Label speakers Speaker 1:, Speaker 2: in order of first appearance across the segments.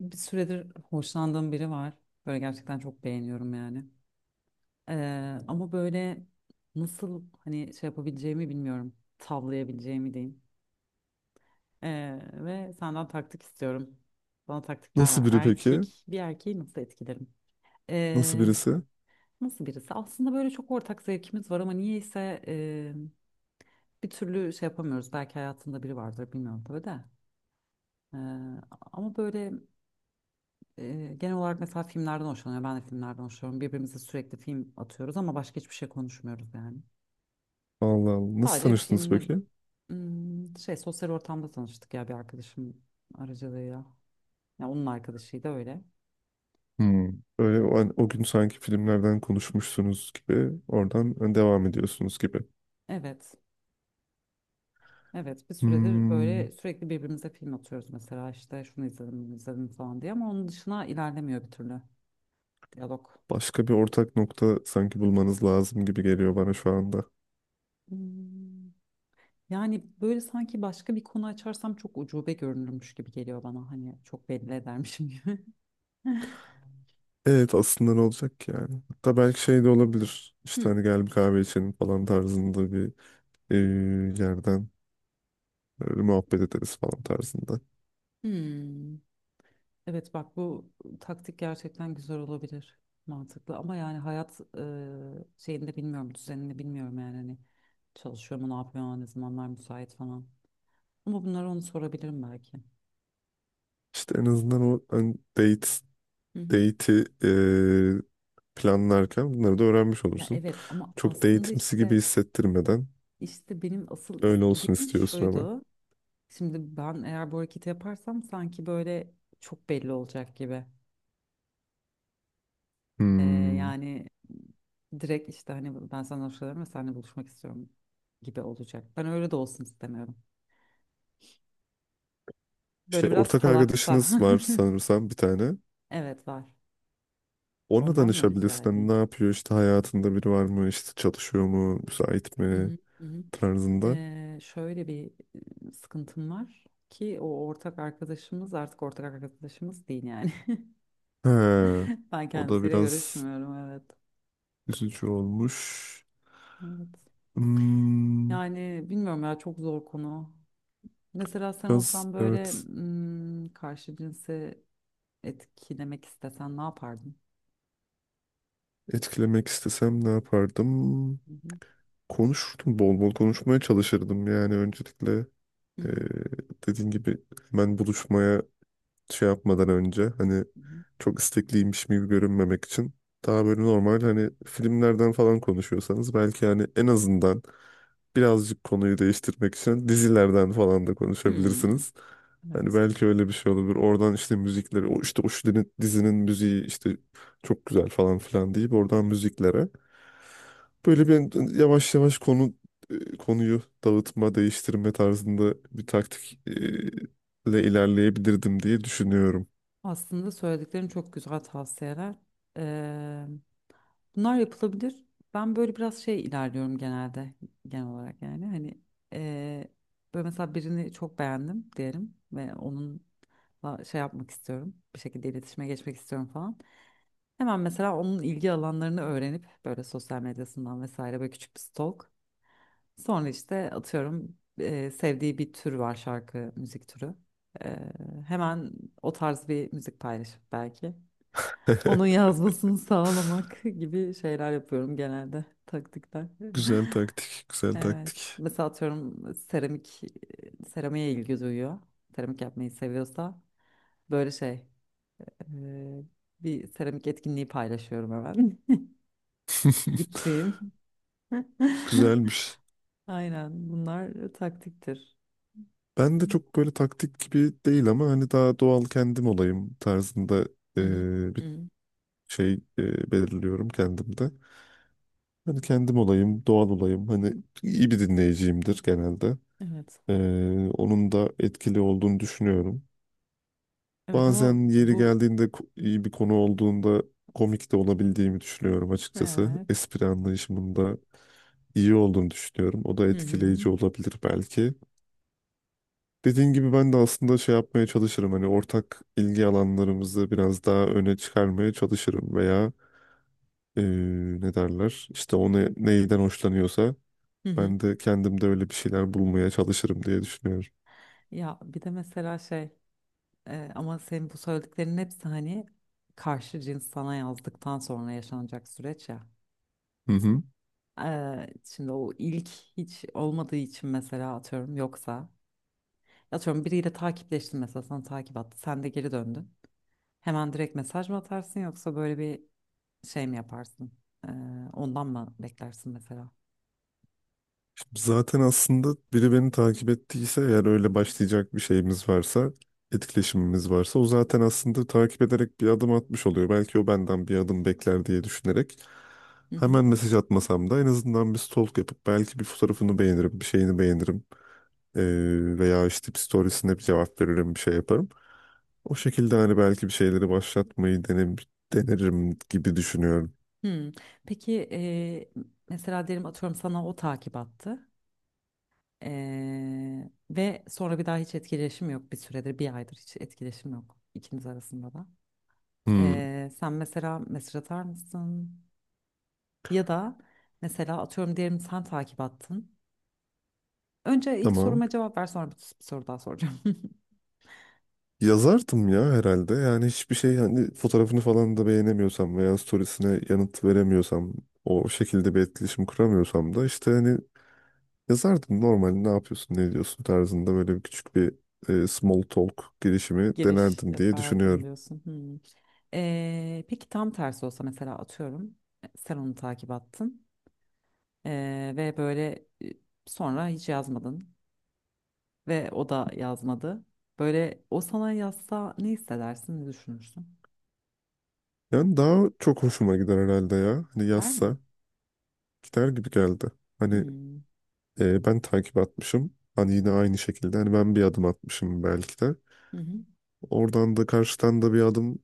Speaker 1: Bir süredir hoşlandığım biri var. Böyle gerçekten çok beğeniyorum yani. Ama böyle nasıl hani şey yapabileceğimi bilmiyorum. Tavlayabileceğimi diyeyim. Ve senden taktik istiyorum. Bana taktikler
Speaker 2: Nasıl
Speaker 1: var.
Speaker 2: biri peki?
Speaker 1: Bir erkeği nasıl etkilerim?
Speaker 2: Nasıl
Speaker 1: Ee,
Speaker 2: birisi?
Speaker 1: nasıl birisi? Aslında böyle çok ortak zevkimiz var ama niyeyse bir türlü şey yapamıyoruz. Belki hayatında biri vardır bilmiyorum tabii de. Ee, ama böyle genel olarak mesela filmlerden hoşlanıyor. Ben de filmlerden hoşlanıyorum. Birbirimize sürekli film atıyoruz ama başka hiçbir şey konuşmuyoruz yani.
Speaker 2: Allah Allah. Nasıl
Speaker 1: Sadece
Speaker 2: tanıştınız
Speaker 1: filmler
Speaker 2: peki?
Speaker 1: Şey sosyal ortamda tanıştık ya bir arkadaşım aracılığıyla. Ya onun arkadaşıydı öyle.
Speaker 2: Hmm. Öyle o, hani o gün sanki filmlerden konuşmuşsunuz gibi oradan hani devam ediyorsunuz gibi.
Speaker 1: Evet. Evet, bir süredir
Speaker 2: Hmm.
Speaker 1: böyle sürekli birbirimize film atıyoruz mesela işte şunu izledim bunu izledim falan diye ama onun dışına ilerlemiyor bir türlü diyalog.
Speaker 2: Başka bir ortak nokta sanki bulmanız lazım gibi geliyor bana şu anda.
Speaker 1: Hmm, Yani böyle sanki başka bir konu açarsam çok ucube görünürmüş gibi geliyor bana hani çok belli edermişim gibi.
Speaker 2: Evet, aslında ne olacak ki yani? Hatta belki şey de olabilir. İşte
Speaker 1: Hı.
Speaker 2: hani gel bir kahve içelim falan tarzında bir yerden böyle muhabbet ederiz falan tarzında.
Speaker 1: Hmm. Evet, bak bu taktik gerçekten güzel olabilir. Mantıklı ama yani hayat şeyini de bilmiyorum, düzenini bilmiyorum yani hani çalışıyor mu, ne yapıyor, ne zamanlar müsait falan. Ama bunları onu sorabilirim belki.
Speaker 2: İşte en azından o hani date
Speaker 1: Hı hı.
Speaker 2: date'i planlarken bunları da öğrenmiş
Speaker 1: Ya
Speaker 2: olursun.
Speaker 1: evet ama
Speaker 2: Çok
Speaker 1: aslında
Speaker 2: date'imsi gibi
Speaker 1: işte
Speaker 2: hissettirmeden
Speaker 1: işte benim asıl
Speaker 2: öyle olsun
Speaker 1: istediğim
Speaker 2: istiyorsun ama.
Speaker 1: şuydu. Şimdi ben eğer bu hareketi yaparsam sanki böyle çok belli olacak gibi. Ee,
Speaker 2: Hmm.
Speaker 1: yani direkt işte hani ben sana hoşlanıyorum ve seninle buluşmak istiyorum gibi olacak. Ben öyle de olsun istemiyorum.
Speaker 2: İşte
Speaker 1: Böyle biraz
Speaker 2: ortak
Speaker 1: salakta.
Speaker 2: arkadaşınız var sanırsam bir tane.
Speaker 1: Evet var.
Speaker 2: Ona
Speaker 1: Ondan mı rica
Speaker 2: danışabilirsin. Hani ne
Speaker 1: edeyim?
Speaker 2: yapıyor, işte hayatında biri var mı, işte çalışıyor mu, müsait
Speaker 1: Hı
Speaker 2: mi
Speaker 1: hı, hı hı.
Speaker 2: tarzında.
Speaker 1: Şöyle bir sıkıntım var ki o ortak arkadaşımız artık ortak arkadaşımız değil yani.
Speaker 2: He.
Speaker 1: Ben
Speaker 2: O da
Speaker 1: kendisiyle
Speaker 2: biraz
Speaker 1: görüşmüyorum, evet.
Speaker 2: üzücü olmuş.
Speaker 1: Evet.
Speaker 2: Hmm.
Speaker 1: Yani bilmiyorum ya, çok zor konu. Mesela sen
Speaker 2: Biraz
Speaker 1: olsan böyle
Speaker 2: evet,
Speaker 1: karşı cinse etkilemek istesen ne yapardın?
Speaker 2: etkilemek istesem ne yapardım?
Speaker 1: Hı hı,
Speaker 2: Konuşurdum, bol bol konuşmaya çalışırdım yani öncelikle
Speaker 1: hı
Speaker 2: e,
Speaker 1: hı.
Speaker 2: dediğin gibi hemen buluşmaya şey yapmadan önce hani
Speaker 1: Hı hı.
Speaker 2: çok istekliymiş gibi görünmemek için daha böyle normal, hani filmlerden falan konuşuyorsanız belki hani en azından birazcık konuyu değiştirmek için dizilerden falan da
Speaker 1: Hmm.
Speaker 2: konuşabilirsiniz. Hani
Speaker 1: Evet.
Speaker 2: belki öyle bir şey olabilir. Oradan işte müzikleri, o işte o şu dizinin müziği işte çok güzel falan filan deyip oradan müziklere. Böyle bir yavaş yavaş konuyu dağıtma, değiştirme tarzında bir taktik ile ilerleyebilirdim diye düşünüyorum.
Speaker 1: Aslında söylediklerin çok güzel tavsiyeler. Eee, bunlar yapılabilir. Ben böyle biraz şey ilerliyorum genelde, genel olarak yani. Hani eee böyle mesela birini çok beğendim diyelim ve onunla şey yapmak istiyorum. Bir şekilde iletişime geçmek istiyorum falan. Hemen mesela onun ilgi alanlarını öğrenip böyle sosyal medyasından vesaire böyle küçük bir stalk. Sonra işte atıyorum sevdiği bir tür var, şarkı, müzik türü. E, hemen o tarz bir müzik paylaşıp belki. Onun yazmasını sağlamak gibi şeyler yapıyorum genelde, taktikler.
Speaker 2: Güzel taktik, güzel
Speaker 1: Evet.
Speaker 2: taktik.
Speaker 1: Mesela atıyorum seramiğe ilgi duyuyor. Seramik yapmayı seviyorsa böyle şey e, bir seramik etkinliği paylaşıyorum hemen. Gittiğim.
Speaker 2: Güzelmiş.
Speaker 1: Aynen, bunlar taktiktir.
Speaker 2: Ben de çok böyle taktik gibi değil ama hani daha doğal kendim olayım tarzında
Speaker 1: Hı hı.
Speaker 2: bir
Speaker 1: Hı.
Speaker 2: şey belirliyorum kendimde. Hani kendim olayım, doğal olayım. Hani iyi bir dinleyiciyimdir genelde.
Speaker 1: Evet.
Speaker 2: E, onun da etkili olduğunu düşünüyorum.
Speaker 1: Evet ama
Speaker 2: Bazen yeri
Speaker 1: bu,
Speaker 2: geldiğinde, iyi bir konu olduğunda komik de olabildiğimi düşünüyorum açıkçası.
Speaker 1: evet.
Speaker 2: Espri anlayışımında iyi olduğunu düşünüyorum. O da
Speaker 1: Hı hı.
Speaker 2: etkileyici olabilir belki. Dediğin gibi ben de aslında şey yapmaya çalışırım. Hani ortak ilgi alanlarımızı biraz daha öne çıkarmaya çalışırım veya eee, ne derler? İşte o neyden hoşlanıyorsa
Speaker 1: Hı hı.
Speaker 2: ben de kendimde öyle bir şeyler bulmaya çalışırım diye düşünüyorum.
Speaker 1: Ya bir de mesela şey ama senin bu söylediklerinin hepsi hani karşı cins sana yazdıktan sonra yaşanacak süreç ya.
Speaker 2: Hı hı.
Speaker 1: Şimdi o ilk hiç olmadığı için mesela atıyorum, yoksa atıyorum biriyle takipleştin, mesela sana takip attı, sen de geri döndün. Hemen direkt mesaj mı atarsın yoksa böyle bir şey mi yaparsın? Ondan mı beklersin mesela?
Speaker 2: Zaten aslında biri beni takip ettiyse, eğer öyle başlayacak bir şeyimiz varsa, etkileşimimiz varsa, o zaten aslında takip ederek bir adım atmış oluyor. Belki o benden bir adım bekler diye düşünerek hemen mesaj atmasam da en azından bir stalk yapıp belki bir fotoğrafını beğenirim, bir şeyini beğenirim. Ee, Veya işte bir storiesine bir cevap veririm, bir şey yaparım. O şekilde hani belki bir şeyleri başlatmayı denerim gibi düşünüyorum.
Speaker 1: Hmm. Peki mesela derim atıyorum sana o takip attı. Ve sonra bir daha hiç etkileşim yok, bir süredir, bir aydır hiç etkileşim yok ikiniz arasında da.
Speaker 2: Hmm,
Speaker 1: Sen mesela mesaj atar mısın? Ya da mesela atıyorum diyelim sen takip attın. Önce ilk
Speaker 2: tamam.
Speaker 1: soruma cevap ver, sonra bir soru daha soracağım.
Speaker 2: Yazardım ya herhalde. Yani hiçbir şey, yani fotoğrafını falan da beğenemiyorsam veya storiesine yanıt veremiyorsam, o şekilde bir etkileşim kuramıyorsam da işte hani yazardım, normal ne yapıyorsun ne ediyorsun tarzında, böyle bir küçük bir small talk girişimi
Speaker 1: Giriş
Speaker 2: denerdim diye
Speaker 1: yapardım
Speaker 2: düşünüyorum.
Speaker 1: diyorsun. Hmm. Peki tam tersi olsa mesela atıyorum sen onu takip attın. Ve böyle sonra hiç yazmadın ve o da yazmadı. Böyle o sana yazsa ne hissedersin, ne düşünürsün?
Speaker 2: Yani daha çok hoşuma gider herhalde ya. Hani
Speaker 1: Der mi?
Speaker 2: yazsa gider gibi geldi. Hani
Speaker 1: Hmm.
Speaker 2: ben takip atmışım. Hani yine aynı şekilde hani ben bir adım atmışım belki de.
Speaker 1: Hı hı.
Speaker 2: Oradan da karşıdan da bir adım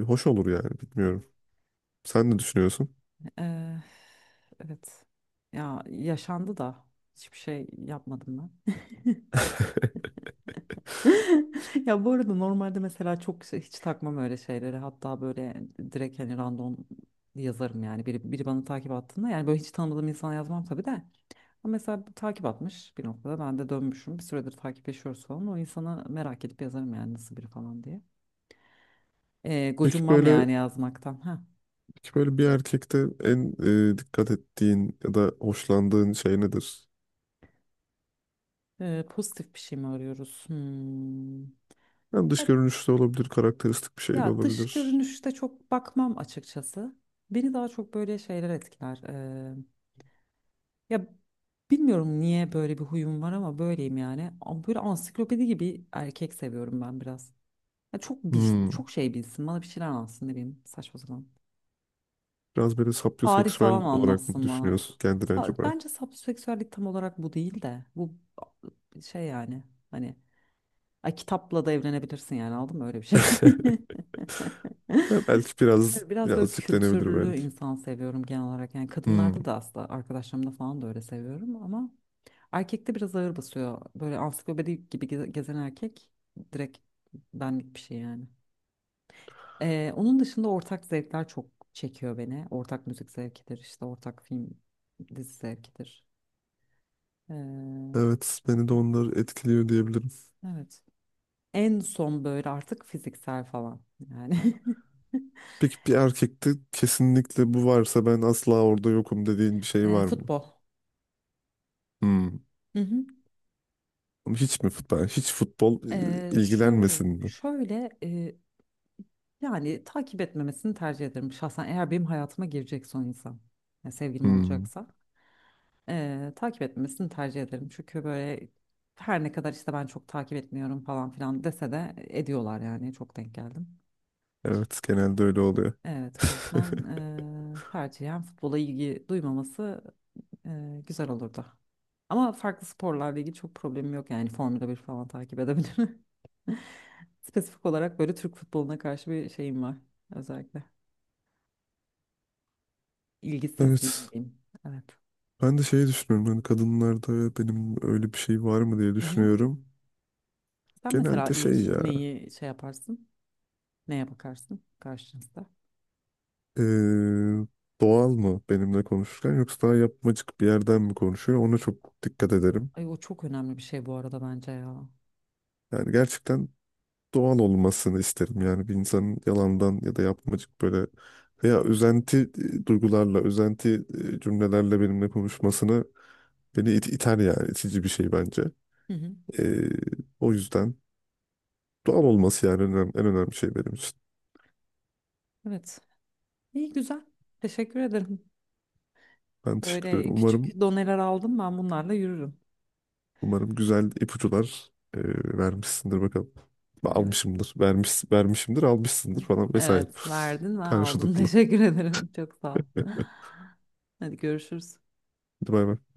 Speaker 2: hoş olur yani, bilmiyorum. Sen ne düşünüyorsun?
Speaker 1: Ee, evet. Ya yaşandı da hiçbir şey yapmadım ben. Ya bu arada normalde mesela hiç takmam öyle şeyleri. Hatta böyle direkt hani random yazarım yani. Biri bana takip attığında, yani böyle hiç tanımadığım insana yazmam tabii de. Ama mesela takip atmış bir noktada. Ben de dönmüşüm. Bir süredir takipleşiyoruz falan. O insana merak edip yazarım yani, nasıl biri falan diye.
Speaker 2: Peki
Speaker 1: Gocunmam
Speaker 2: böyle
Speaker 1: yani yazmaktan. Ha.
Speaker 2: peki böyle bir erkekte en dikkat ettiğin ya da hoşlandığın şey nedir?
Speaker 1: Pozitif bir şey mi arıyoruz? Hmm.
Speaker 2: Hem dış
Speaker 1: Ya,
Speaker 2: görünüşü de olabilir, karakteristik bir şey de
Speaker 1: ya, dış
Speaker 2: olabilir.
Speaker 1: görünüşte çok bakmam açıkçası. Beni daha çok böyle şeyler etkiler. Ya bilmiyorum niye böyle bir huyum var ama böyleyim yani. Ama böyle ansiklopedi gibi erkek seviyorum ben biraz. Ya çok bil,
Speaker 2: Hmm.
Speaker 1: çok şey bilsin, bana bir şeyler anlatsın, ne bileyim, saçma sapan.
Speaker 2: Biraz böyle
Speaker 1: Tarih falan
Speaker 2: sapyoseksüel olarak mı
Speaker 1: anlatsın bana.
Speaker 2: düşünüyorsun kendini acaba?
Speaker 1: Bence sapsöksüellik tam olarak bu değil de bu, şey yani, hani, ay, kitapla da evlenebilirsin yani, aldın mı öyle bir şey.
Speaker 2: Ya belki biraz,
Speaker 1: Böyle biraz böyle
Speaker 2: birazcık denebilir
Speaker 1: kültürlü
Speaker 2: belki.
Speaker 1: insan seviyorum genel olarak. Yani
Speaker 2: Hmm.
Speaker 1: kadınlarda da aslında, arkadaşlarımda falan da öyle seviyorum ama erkekte biraz ağır basıyor. Böyle ansiklopedi gibi gezen erkek direkt benlik bir şey yani. Onun dışında ortak zevkler çok çekiyor beni. Ortak müzik zevkidir, işte ortak film, dizi zevkidir. Ee,
Speaker 2: Evet, beni de onlar etkiliyor diyebilirim.
Speaker 1: evet. En son böyle artık fiziksel falan yani.
Speaker 2: Peki bir erkekte kesinlikle bu varsa ben asla orada yokum dediğin bir şey var mı?
Speaker 1: Futbol.
Speaker 2: Hmm.
Speaker 1: Hı hı.
Speaker 2: Hiç mi futbol? Hiç futbol
Speaker 1: Ee, şöyle,
Speaker 2: ilgilenmesin mi?
Speaker 1: şöyle e, yani takip etmemesini tercih ederim şahsen. Eğer benim hayatıma girecek son insan, yani sevgilim
Speaker 2: Hmm.
Speaker 1: olacaksa, takip etmemesini tercih ederim. Çünkü böyle her ne kadar işte ben çok takip etmiyorum falan filan dese de ediyorlar yani, çok denk geldim.
Speaker 2: Evet, genelde öyle oluyor.
Speaker 1: Evet, o yüzden tercihen futbola ilgi duymaması güzel olurdu. Ama farklı sporlarla ilgili çok problemim yok yani, Formula 1 falan takip edebilirim. Spesifik olarak böyle Türk futboluna karşı bir şeyim var özellikle. İlgisizliğim
Speaker 2: Evet.
Speaker 1: diyeyim. Evet.
Speaker 2: Ben de şeyi düşünüyorum. Hani kadınlarda benim öyle bir şey var mı diye
Speaker 1: Hı hı.
Speaker 2: düşünüyorum.
Speaker 1: Sen mesela
Speaker 2: Genelde
Speaker 1: ilk
Speaker 2: şey ya.
Speaker 1: neyi şey yaparsın? Neye bakarsın karşınızda?
Speaker 2: e, Doğal mı benimle konuşurken, yoksa daha yapmacık bir yerden mi konuşuyor? Ona çok dikkat ederim.
Speaker 1: Ay, o çok önemli bir şey bu arada bence ya.
Speaker 2: Yani gerçekten doğal olmasını isterim. Yani bir insanın yalandan ya da yapmacık böyle veya üzenti duygularla, üzenti cümlelerle benimle konuşmasını, beni iter yani. İtici bir şey bence.
Speaker 1: Hı hı.
Speaker 2: Ee, O yüzden doğal olması yani en önemli şey benim için.
Speaker 1: Evet. İyi, güzel. Teşekkür ederim.
Speaker 2: Ben teşekkür ederim.
Speaker 1: Böyle
Speaker 2: Umarım
Speaker 1: küçük doneler aldım, ben bunlarla yürürüm.
Speaker 2: umarım güzel ipuçlar vermişsindir bakalım.
Speaker 1: Evet.
Speaker 2: Almışımdır. Vermiş, vermişimdir, almışsındır falan vesaire.
Speaker 1: Evet, verdin ve aldım.
Speaker 2: Karşılıklı.
Speaker 1: Teşekkür ederim. Çok sağ ol. Hadi, görüşürüz.
Speaker 2: Hadi bay bay.